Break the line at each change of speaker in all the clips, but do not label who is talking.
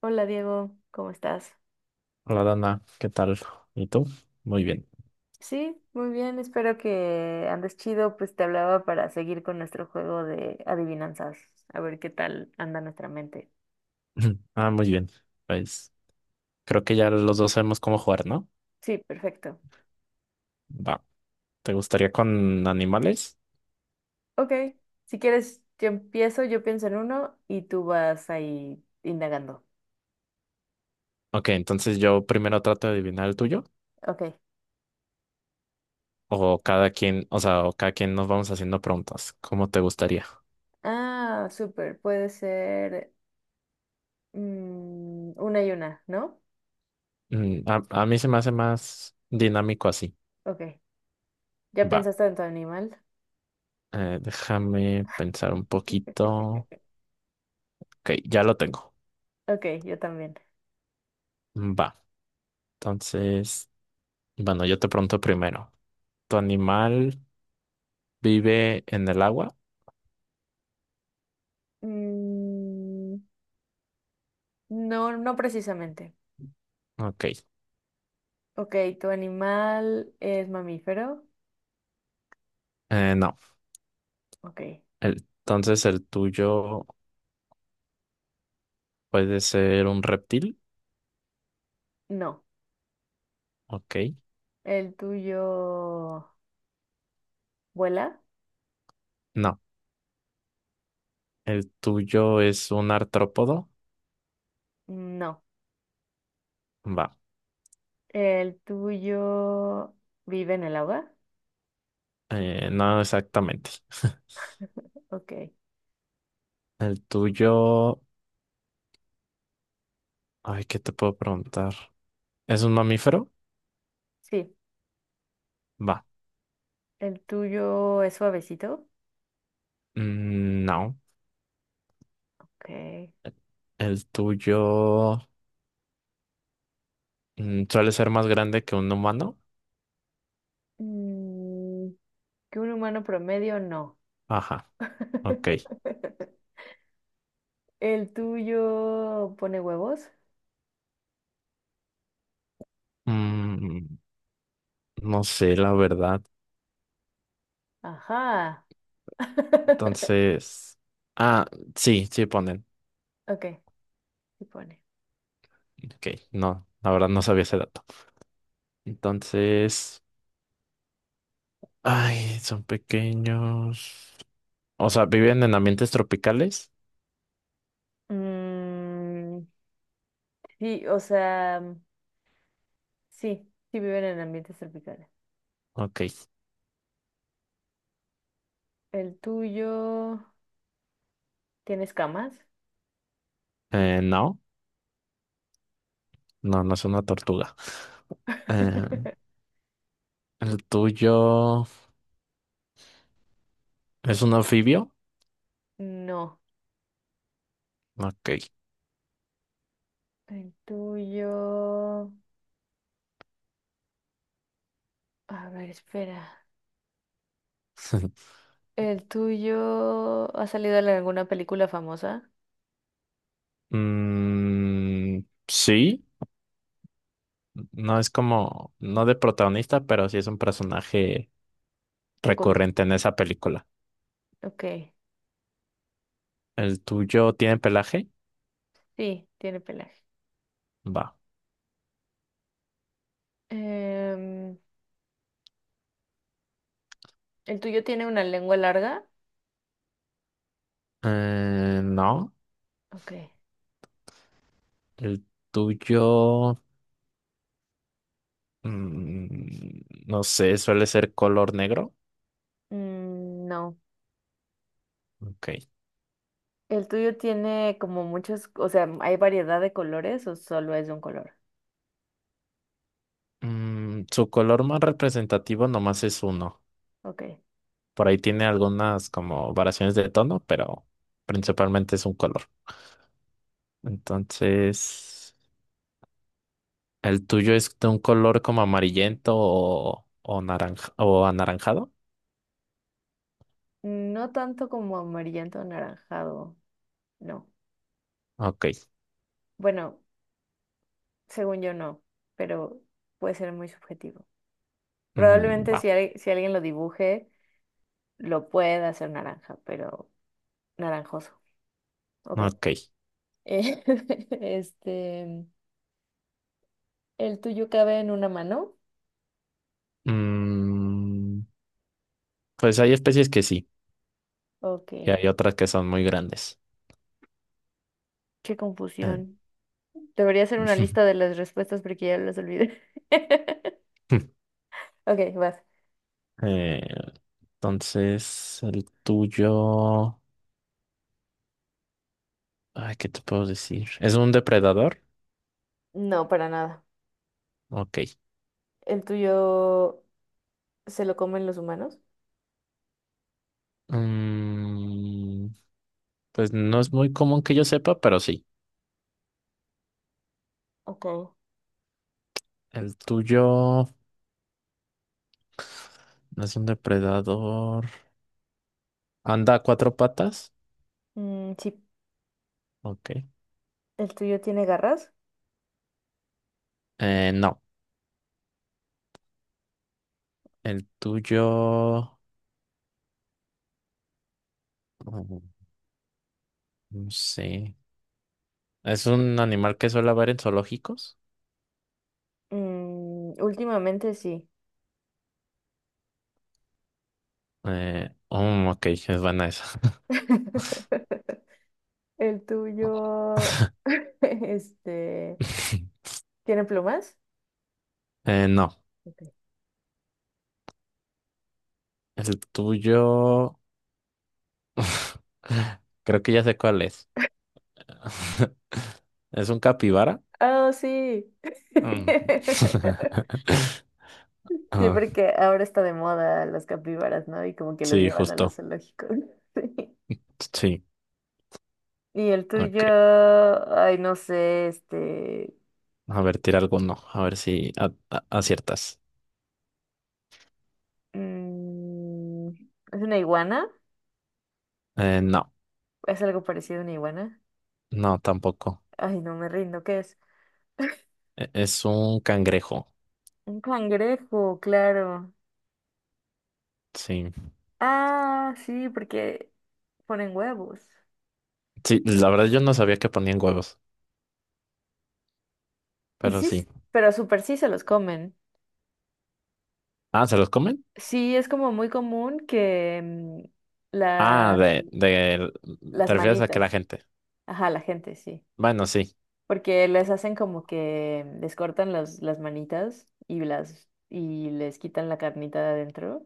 Hola Diego, ¿cómo estás?
Hola Dana, ¿qué tal? ¿Y tú? Muy bien.
Sí, muy bien, espero que andes chido, pues te hablaba para seguir con nuestro juego de adivinanzas, a ver qué tal anda nuestra mente.
Ah, muy bien. Pues creo que ya los dos sabemos cómo jugar, ¿no?
Sí, perfecto.
Va. ¿Te gustaría con animales?
Ok, si quieres, yo empiezo, yo pienso en uno y tú vas ahí indagando.
Ok, entonces yo primero trato de adivinar el tuyo.
Ok.
O cada quien, o sea, o cada quien nos vamos haciendo preguntas. ¿Cómo te gustaría?
Ah, súper, puede ser una y una, ¿no?
A mí se me hace más dinámico así.
Ok, ¿ya
Va.
pensaste en tu animal?
Déjame pensar un poquito. Ok, ya lo tengo.
Ok, yo también.
Va. Entonces, bueno, yo te pregunto primero. ¿Tu animal vive en el agua?
Mm, no, no precisamente.
Ok,
Ok, ¿tu animal es mamífero?
no.
Ok,
Entonces el tuyo puede ser un reptil.
no.
Ok,
¿El tuyo vuela?
no. El tuyo es un artrópodo.
No.
Va,
¿El tuyo vive en el agua?
no exactamente.
Ok,
El tuyo, ay, ¿qué te puedo preguntar? ¿Es un mamífero?
sí.
Va,
¿El tuyo es suavecito?
mm, no.
Ok.
El tuyo, suele ser más grande que un humano.
Mm, ¿que un humano promedio? No.
Ajá, ok.
¿El tuyo pone huevos?
Mm, no sé, la verdad.
Ajá.
Entonces, ah, sí, sí ponen.
Ok, sí pone.
Ok, no, la verdad no sabía ese dato. Entonces, ay, son pequeños. O sea, ¿viven en ambientes tropicales?
Mm, sí, o sea, sí, sí viven en ambientes tropicales.
Ok,
¿El tuyo tiene escamas?
no, no es una tortuga. Eh, ¿El tuyo es un anfibio?
No.
Ok.
El tuyo… A ver, espera. ¿El tuyo ha salido en alguna película famosa?
Mm, sí, no es como, no de protagonista, pero sí es un personaje
Segundo.
recurrente en esa película.
Ok,
¿El tuyo tiene pelaje?
sí, tiene pelaje.
Va.
Em, ¿El tuyo tiene una lengua larga?
No.
Ok.
El tuyo, mm, no sé, suele ser color negro.
Mm, no.
Ok.
¿El tuyo tiene como muchos, o sea, hay variedad de colores o solo es de un color?
Mm, su color más representativo nomás es uno.
Ok.
Por ahí tiene algunas como variaciones de tono, pero principalmente es un color. Entonces, ¿el tuyo es de un color como amarillento o naranja o anaranjado?
No tanto como amarillento anaranjado, no.
Ok.
Bueno, según yo no, pero puede ser muy subjetivo.
Mm,
Probablemente
va.
si, si alguien lo dibuje, lo pueda hacer naranja, pero naranjoso. Ok.
Ok.
Eh, Este, ¿el tuyo cabe en una mano?
Mm, pues hay especies que sí,
Ok.
y hay otras que son muy grandes.
Qué
Eh,
confusión. Debería hacer una lista de las respuestas porque ya las olvidé. Ok, vas.
Eh, entonces, el tuyo. Ay, ¿qué te puedo decir? ¿Es un depredador?
No, para nada.
Ok.
¿El tuyo se lo comen los humanos?
Mm, pues no es muy común que yo sepa, pero sí.
Ok.
El tuyo no es un depredador. ¿Anda a cuatro patas?
Mm, sí.
Ok.
¿El tuyo tiene garras?
No. El tuyo. mm, no sé. ¿Es un animal que suele haber en zoológicos?
Mm, últimamente sí.
Ok, es buena esa.
¿El tuyo, este, tiene plumas?
No.
Ok.
El tuyo. Creo que ya sé cuál es. ¿Es un capibara?
Oh, sí.
Mm.
Sí,
Ah,
porque ahora está de moda los capibaras, ¿no? Y como que los
sí,
llevan a
justo.
los zoológicos. Sí.
Sí,
Y el tuyo,
ok.
ay, no sé, este,
A ver, tira alguno. A ver si aciertas.
mm, ¿es una iguana?
No,
¿Es algo parecido a una iguana?
no, tampoco.
Ay, no me rindo, ¿qué es?
Es un cangrejo.
Un cangrejo, claro.
Sí.
Ah, sí, porque ponen huevos.
Sí, la verdad yo no sabía que ponían huevos,
Y
pero
sí,
sí.
pero súper sí se los comen.
Ah, ¿se los comen?
Sí, es como muy común que
Ah,
la,
de,
las
¿te refieres a que la
manitas,
gente?
ajá, la gente, sí.
Bueno, sí,
Porque les hacen como que les cortan las manitas y las y les quitan la carnita de adentro.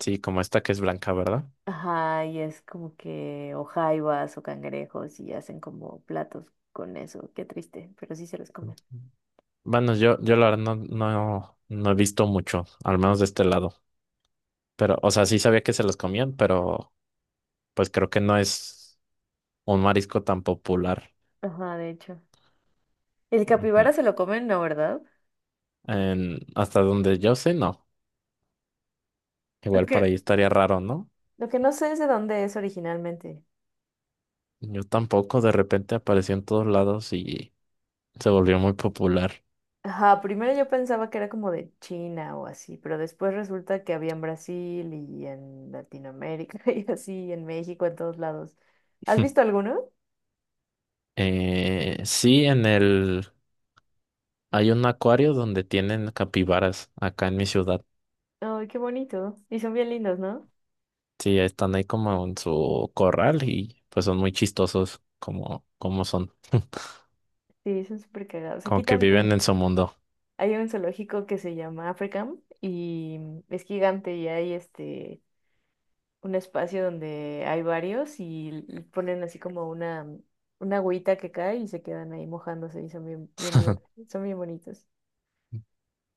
sí, como esta que es blanca, ¿verdad?
Ajá, y es como que o jaivas o cangrejos y hacen como platos con eso. Qué triste, pero sí se los comen.
Bueno, yo la verdad no he visto mucho, al menos de este lado. Pero, o sea, sí sabía que se los comían, pero pues creo que no es un marisco tan popular.
Ajá, de hecho. El
Ujú.
capibara se lo comen, ¿no, verdad?
En- hasta donde yo sé, no.
lo
Igual para
que
ahí estaría raro, ¿no?
Lo que no sé es de dónde es originalmente.
Yo tampoco, de repente apareció en todos lados y se volvió muy popular.
Ajá, primero yo pensaba que era como de China o así, pero después resulta que había en Brasil y en Latinoamérica y así, en México, en todos lados. ¿Has visto alguno?
Sí, en el... Hay un acuario donde tienen capibaras acá en mi ciudad.
Ay, qué bonito. Y son bien lindos, ¿no?
Sí, están ahí como en su corral y pues son muy chistosos como, como son,
Sí, son súper cagados.
como
Aquí
que
también
viven en su mundo.
hay un zoológico que se llama Africam y es gigante y hay este un espacio donde hay varios y ponen así como una, una agüita que cae y se quedan ahí mojándose y son bien, bien divertidos, son bien bonitos.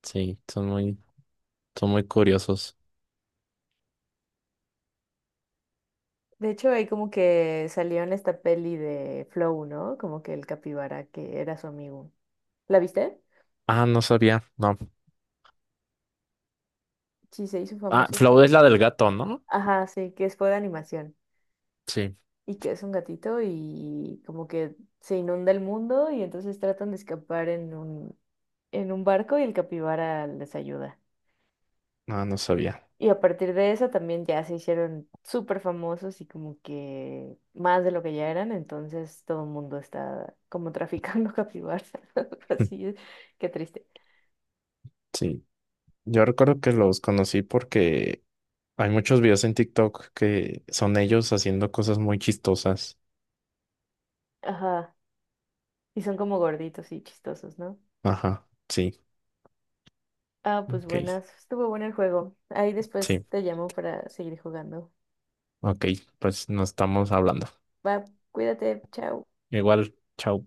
Sí, son muy curiosos.
De hecho, ahí como que salió en esta peli de Flow, ¿no? Como que el capibara que era su amigo. ¿La viste?
Ah, no sabía, no.
Sí, se hizo
Ah,
famoso.
Flow
Pero-
es la del gato, ¿no?
Ajá, sí, fue de animación.
Sí,
Y que es un gatito y como que se inunda el mundo y entonces tratan de escapar en un barco y el capibara les ayuda.
ah, no sabía.
Y a partir de eso también ya se hicieron súper famosos y como que más de lo que ya eran, entonces todo el mundo está como traficando capibaras, algo así es, qué triste.
Sí, yo recuerdo que los conocí porque hay muchos videos en TikTok que son ellos haciendo cosas muy chistosas.
Ajá, y son como gorditos y chistosos, ¿no?
Ajá, sí,
Ah, pues
ok,
buenas, estuvo bueno el juego. Ahí después
sí,
te llamo para seguir jugando.
ok, pues nos estamos hablando.
Va, cuídate, chao.
Igual, chao.